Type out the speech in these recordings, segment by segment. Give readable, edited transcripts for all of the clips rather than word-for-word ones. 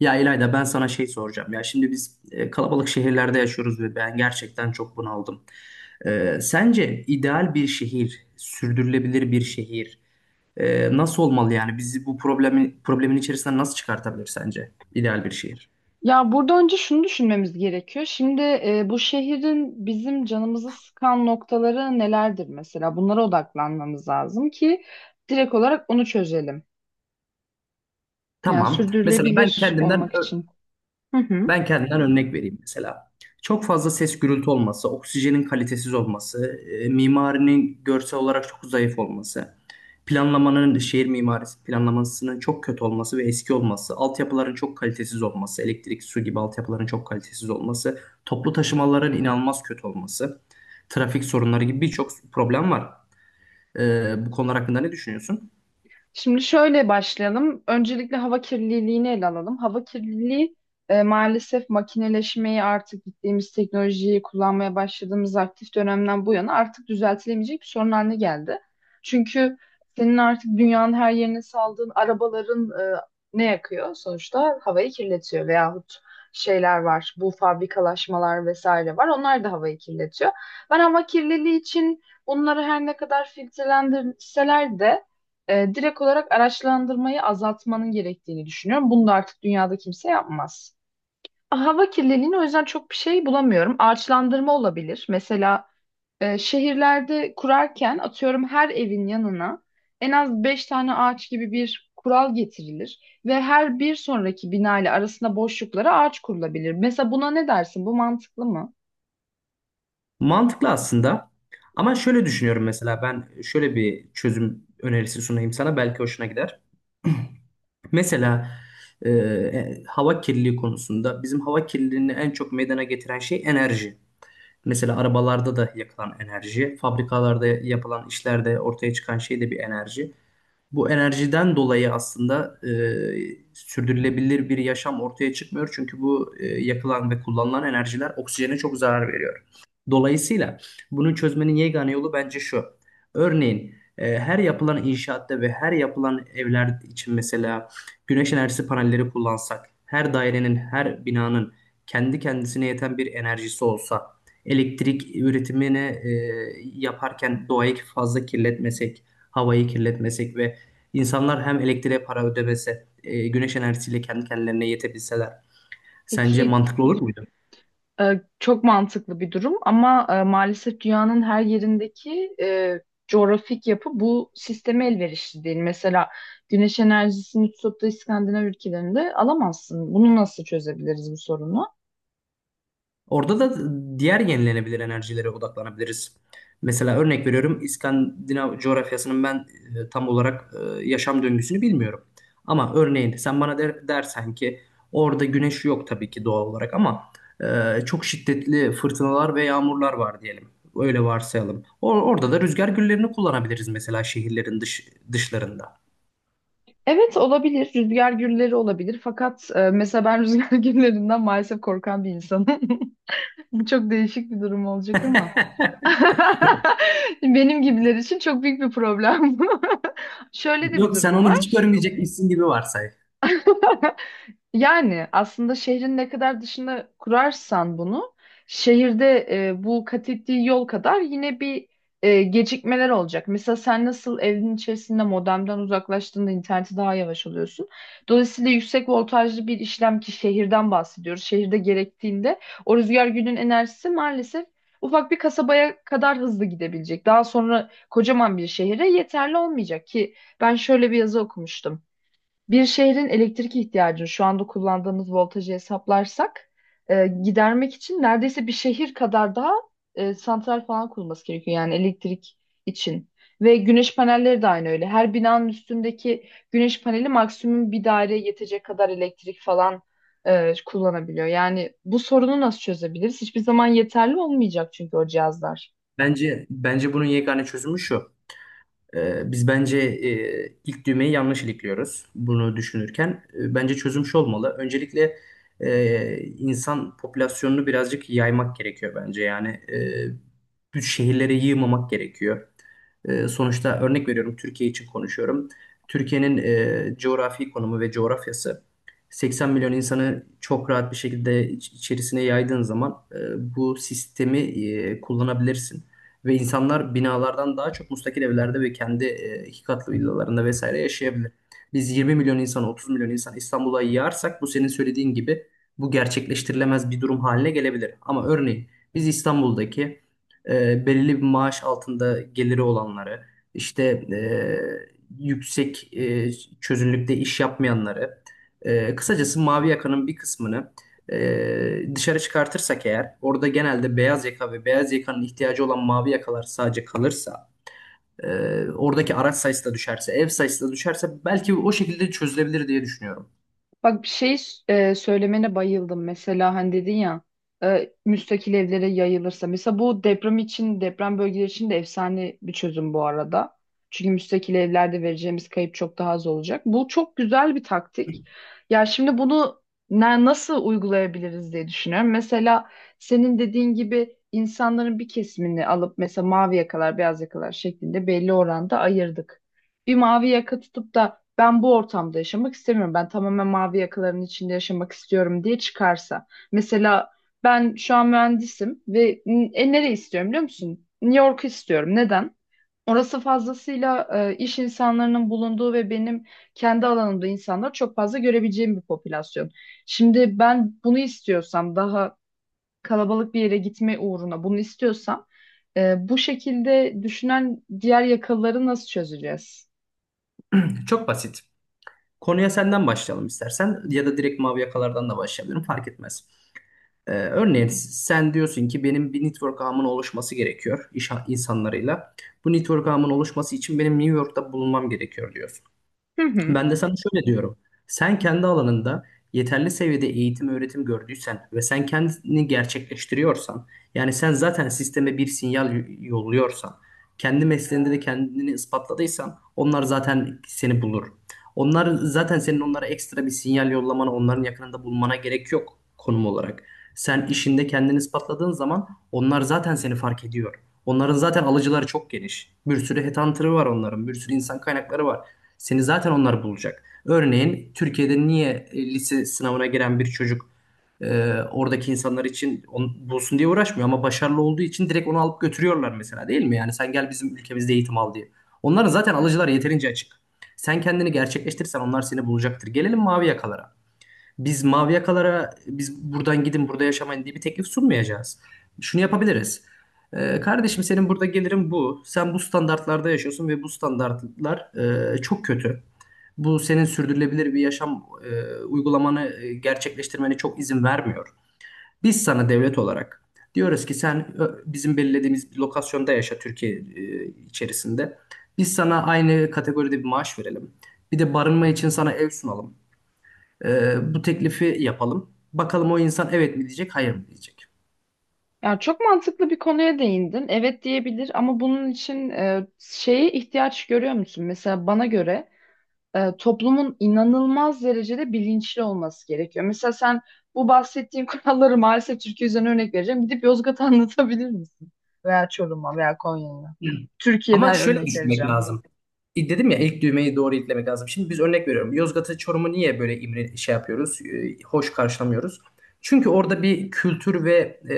Ya İlayda, ben sana şey soracağım. Ya şimdi biz kalabalık şehirlerde yaşıyoruz ve ben gerçekten çok bunaldım. Sence ideal bir şehir, sürdürülebilir bir şehir nasıl olmalı yani? Bizi bu problemi problemin içerisinden nasıl çıkartabilir sence ideal bir şehir? Ya burada önce şunu düşünmemiz gerekiyor. Şimdi bu şehrin bizim canımızı sıkan noktaları nelerdir mesela? Bunlara odaklanmamız lazım ki direkt olarak onu çözelim. Yani Tamam. Mesela ben sürdürülebilir kendimden olmak için. Hı hı. Ben kendimden örnek vereyim mesela. Çok fazla ses gürültü olması, oksijenin kalitesiz olması, mimarinin görsel olarak çok zayıf olması. Planlamanın, şehir mimarisi planlamasının çok kötü olması ve eski olması, altyapıların çok kalitesiz olması, elektrik, su gibi altyapıların çok kalitesiz olması, toplu taşımaların inanılmaz kötü olması, trafik sorunları gibi birçok problem var. Bu konular hakkında ne düşünüyorsun? Şimdi şöyle başlayalım. Öncelikle hava kirliliğini ele alalım. Hava kirliliği maalesef makineleşmeyi artık gittiğimiz teknolojiyi kullanmaya başladığımız aktif dönemden bu yana artık düzeltilemeyecek bir sorun haline geldi. Çünkü senin artık dünyanın her yerine saldığın arabaların ne yakıyor? Sonuçta havayı kirletiyor veyahut şeyler var. Bu fabrikalaşmalar vesaire var. Onlar da havayı kirletiyor. Ben hava kirliliği için bunları her ne kadar filtrelendirseler de direkt olarak araçlandırmayı azaltmanın gerektiğini düşünüyorum. Bunu da artık dünyada kimse yapmaz. Hava kirliliğini o yüzden çok bir şey bulamıyorum. Ağaçlandırma olabilir. Mesela şehirlerde kurarken atıyorum her evin yanına en az 5 tane ağaç gibi bir kural getirilir ve her bir sonraki bina ile arasında boşluklara ağaç kurulabilir. Mesela buna ne dersin? Bu mantıklı mı? Mantıklı aslında. Ama şöyle düşünüyorum, mesela ben şöyle bir çözüm önerisi sunayım sana, belki hoşuna gider. Mesela hava kirliliği konusunda bizim hava kirliliğini en çok meydana getiren şey enerji. Mesela arabalarda da yakılan enerji, fabrikalarda yapılan işlerde ortaya çıkan şey de bir enerji. Bu enerjiden dolayı aslında sürdürülebilir bir yaşam ortaya çıkmıyor. Çünkü bu yakılan ve kullanılan enerjiler oksijene çok zarar veriyor. Dolayısıyla bunu çözmenin yegane yolu bence şu. Örneğin her yapılan inşaatta ve her yapılan evler için mesela güneş enerjisi panelleri kullansak, her dairenin, her binanın kendi kendisine yeten bir enerjisi olsa, elektrik üretimini yaparken doğayı fazla kirletmesek, havayı kirletmesek ve İnsanlar hem elektriğe para ödemese, güneş enerjisiyle kendi kendilerine yetebilseler sence Peki, mantıklı olur muydu? Çok mantıklı bir durum ama maalesef dünyanın her yerindeki coğrafik yapı bu sisteme elverişli değil. Mesela güneş enerjisini tutup da İskandinav ülkelerinde alamazsın. Bunu nasıl çözebiliriz bu sorunu? Orada da diğer yenilenebilir enerjilere odaklanabiliriz. Mesela örnek veriyorum, İskandinav coğrafyasının ben tam olarak yaşam döngüsünü bilmiyorum. Ama örneğin sen bana dersen ki orada güneş yok tabii ki doğal olarak ama çok şiddetli fırtınalar ve yağmurlar var diyelim. Öyle varsayalım. Orada da rüzgar güllerini kullanabiliriz mesela, şehirlerin dışlarında. Evet olabilir. Rüzgar gülleri olabilir. Fakat mesela ben rüzgar güllerinden maalesef korkan bir insanım. Bu çok değişik bir durum olacak ama. Benim gibiler için çok büyük bir problem bu. Şöyle de bir Yok, sen durum onu hiç var. görmeyecekmişsin gibi varsay. Yani aslında şehrin ne kadar dışına kurarsan bunu, şehirde bu kat ettiği yol kadar yine bir gecikmeler olacak. Mesela sen nasıl evin içerisinde modemden uzaklaştığında interneti daha yavaş alıyorsun. Dolayısıyla yüksek voltajlı bir işlem ki şehirden bahsediyoruz. Şehirde gerektiğinde o rüzgar günün enerjisi maalesef ufak bir kasabaya kadar hızlı gidebilecek. Daha sonra kocaman bir şehire yeterli olmayacak ki ben şöyle bir yazı okumuştum. Bir şehrin elektrik ihtiyacını şu anda kullandığımız voltajı hesaplarsak gidermek için neredeyse bir şehir kadar daha santral falan kurulması gerekiyor yani elektrik için. Ve güneş panelleri de aynı öyle. Her binanın üstündeki güneş paneli maksimum bir daireye yetecek kadar elektrik falan kullanabiliyor. Yani bu sorunu nasıl çözebiliriz? Hiçbir zaman yeterli olmayacak çünkü o cihazlar. Bence bunun yegane çözümü şu. Biz bence ilk düğmeyi yanlış ilikliyoruz bunu düşünürken. Bence çözüm şu olmalı. Öncelikle insan popülasyonunu birazcık yaymak gerekiyor bence. Yani büyük şehirlere yığmamak gerekiyor. Sonuçta örnek veriyorum, Türkiye için konuşuyorum. Türkiye'nin coğrafi konumu ve coğrafyası 80 milyon insanı çok rahat bir şekilde içerisine yaydığın zaman bu sistemi kullanabilirsin. Ve insanlar binalardan daha çok müstakil evlerde ve kendi iki katlı villalarında vesaire yaşayabilir. Biz 20 milyon insan, 30 milyon insan İstanbul'a yığarsak bu senin söylediğin gibi bu gerçekleştirilemez bir durum haline gelebilir. Ama örneğin biz İstanbul'daki belirli bir maaş altında geliri olanları, işte e, yüksek çözünürlükte iş yapmayanları, kısacası mavi yakanın bir kısmını dışarı çıkartırsak eğer, orada genelde beyaz yaka ve beyaz yakanın ihtiyacı olan mavi yakalar sadece kalırsa, e, oradaki araç sayısı da düşerse, ev sayısı da düşerse, belki o şekilde çözülebilir diye düşünüyorum. Bak bir şey söylemene bayıldım. Mesela hani dedin ya müstakil evlere yayılırsa. Mesela bu deprem için, deprem bölgeleri için de efsane bir çözüm bu arada. Çünkü müstakil evlerde vereceğimiz kayıp çok daha az olacak. Bu çok güzel bir taktik. Ya şimdi bunu nasıl uygulayabiliriz diye düşünüyorum. Mesela senin dediğin gibi insanların bir kesimini alıp mesela mavi yakalar, beyaz yakalar şeklinde belli oranda ayırdık. Bir mavi yaka tutup da ben bu ortamda yaşamak istemiyorum. Ben tamamen mavi yakaların içinde yaşamak istiyorum diye çıkarsa. Mesela ben şu an mühendisim ve nereye istiyorum biliyor musun? New York istiyorum. Neden? Orası fazlasıyla iş insanlarının bulunduğu ve benim kendi alanımda insanlar çok fazla görebileceğim bir popülasyon. Şimdi ben bunu istiyorsam daha kalabalık bir yere gitme uğruna bunu istiyorsam bu şekilde düşünen diğer yakaları nasıl çözeceğiz? Çok basit. Konuya senden başlayalım istersen ya da direkt mavi yakalardan da başlayabilirim, fark etmez. Örneğin sen diyorsun ki benim bir network ağımın oluşması gerekiyor iş insanlarıyla. Bu network ağımın oluşması için benim New York'ta bulunmam gerekiyor diyorsun. Hı hı. Ben de sana şöyle diyorum. Sen kendi alanında yeterli seviyede eğitim öğretim gördüysen ve sen kendini gerçekleştiriyorsan, yani sen zaten sisteme bir sinyal yolluyorsan, kendi mesleğinde de kendini ispatladıysan onlar zaten seni bulur. Onlar zaten senin onlara ekstra bir sinyal yollamana, onların yakınında bulmana gerek yok konum olarak. Sen işinde kendini ispatladığın zaman onlar zaten seni fark ediyor. Onların zaten alıcıları çok geniş. Bir sürü headhunter'ı var onların, bir sürü insan kaynakları var. Seni zaten onlar bulacak. Örneğin Türkiye'de niye lise sınavına giren bir çocuk oradaki insanlar için onu bulsun diye uğraşmıyor ama başarılı olduğu için direkt onu alıp götürüyorlar mesela, değil mi? Yani sen gel bizim ülkemizde eğitim al diye. Onların zaten alıcılar yeterince açık. Sen kendini gerçekleştirirsen onlar seni bulacaktır. Gelelim mavi yakalara. Biz buradan gidin burada yaşamayın diye bir teklif sunmayacağız. Şunu yapabiliriz. Kardeşim, senin burada gelirin bu. Sen bu standartlarda yaşıyorsun ve bu standartlar çok kötü. Bu senin sürdürülebilir bir yaşam uygulamanı gerçekleştirmene çok izin vermiyor. Biz sana devlet olarak diyoruz ki sen bizim belirlediğimiz bir lokasyonda yaşa, Türkiye içerisinde. Biz sana aynı kategoride bir maaş verelim. Bir de barınma için sana ev sunalım. Bu teklifi yapalım. Bakalım o insan evet mi diyecek, hayır mı diyecek. Ya çok mantıklı bir konuya değindin. Evet diyebilir ama bunun için şeye ihtiyaç görüyor musun? Mesela bana göre toplumun inanılmaz derecede bilinçli olması gerekiyor. Mesela sen bu bahsettiğim kuralları maalesef Türkiye üzerine örnek vereceğim. Gidip Yozgat'a anlatabilir misin? Veya Çorum'a veya Konya'ya. Ama Türkiye'den şöyle örnek düşünmek vereceğim. lazım. Dedim ya, ilk düğmeyi doğru itlemek lazım. Şimdi biz örnek veriyorum. Yozgat'ı, Çorum'u niye böyle imre şey yapıyoruz, hoş karşılamıyoruz? Çünkü orada bir kültür ve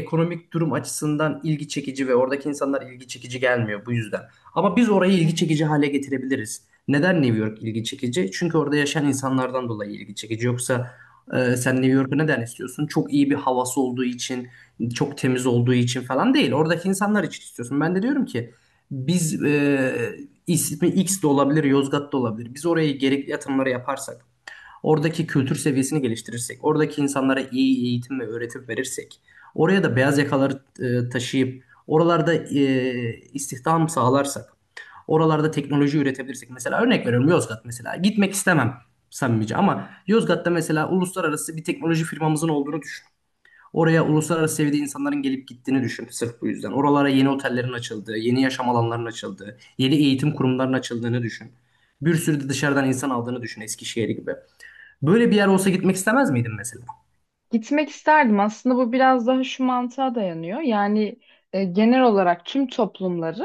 ekonomik durum açısından ilgi çekici ve oradaki insanlar ilgi çekici gelmiyor bu yüzden. Ama biz orayı ilgi çekici hale getirebiliriz. Neden New York ilgi çekici? Çünkü orada yaşayan insanlardan dolayı ilgi çekici. Yoksa sen New York'u neden istiyorsun? Çok iyi bir havası olduğu için, çok temiz olduğu için falan değil. Oradaki insanlar için istiyorsun. Ben de diyorum ki biz ismi X de olabilir, Yozgat da olabilir. Biz oraya gerekli yatırımları yaparsak, oradaki kültür seviyesini geliştirirsek, oradaki insanlara iyi eğitim ve öğretim verirsek, oraya da beyaz yakaları taşıyıp oralarda istihdam sağlarsak, oralarda teknoloji üretebilirsek. Mesela örnek veriyorum, Yozgat mesela. Gitmek istemem samimice, ama Yozgat'ta mesela uluslararası bir teknoloji firmamızın olduğunu düşün. Oraya uluslararası seviyede insanların gelip gittiğini düşün sırf bu yüzden. Oralara yeni otellerin açıldığı, yeni yaşam alanlarının açıldığı, yeni eğitim kurumlarının açıldığını düşün. Bir sürü de dışarıdan insan aldığını düşün, Eskişehir gibi. Böyle bir yer olsa gitmek istemez miydin mesela? Gitmek isterdim. Aslında bu biraz daha şu mantığa dayanıyor. Yani genel olarak tüm toplumları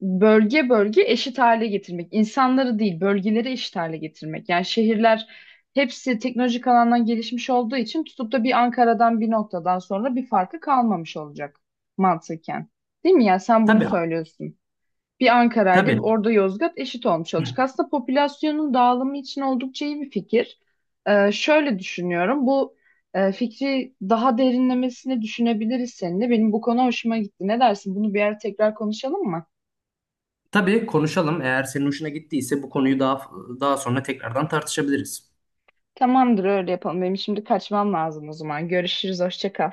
bölge bölge eşit hale getirmek. İnsanları değil, bölgeleri eşit hale getirmek. Yani şehirler hepsi teknolojik alandan gelişmiş olduğu için tutup da bir Ankara'dan bir noktadan sonra bir farkı kalmamış olacak mantıken. Değil mi ya? Sen bunu Tabii, söylüyorsun. Bir Ankara ile bir tabii. orada Yozgat eşit olmuş olacak. Aslında popülasyonun dağılımı için oldukça iyi bir fikir. Şöyle düşünüyorum. Bu fikri daha derinlemesine düşünebiliriz seninle. Benim bu konu hoşuma gitti. Ne dersin? Bunu bir ara tekrar konuşalım mı? Tabii konuşalım. Eğer senin hoşuna gittiyse bu konuyu daha sonra tekrardan tartışabiliriz. Tamamdır, öyle yapalım. Benim şimdi kaçmam lazım o zaman. Görüşürüz. Hoşça kal.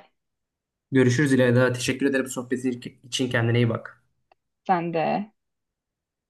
Görüşürüz İlayda. Teşekkür ederim sohbetin için. Kendine iyi bak. Sen de.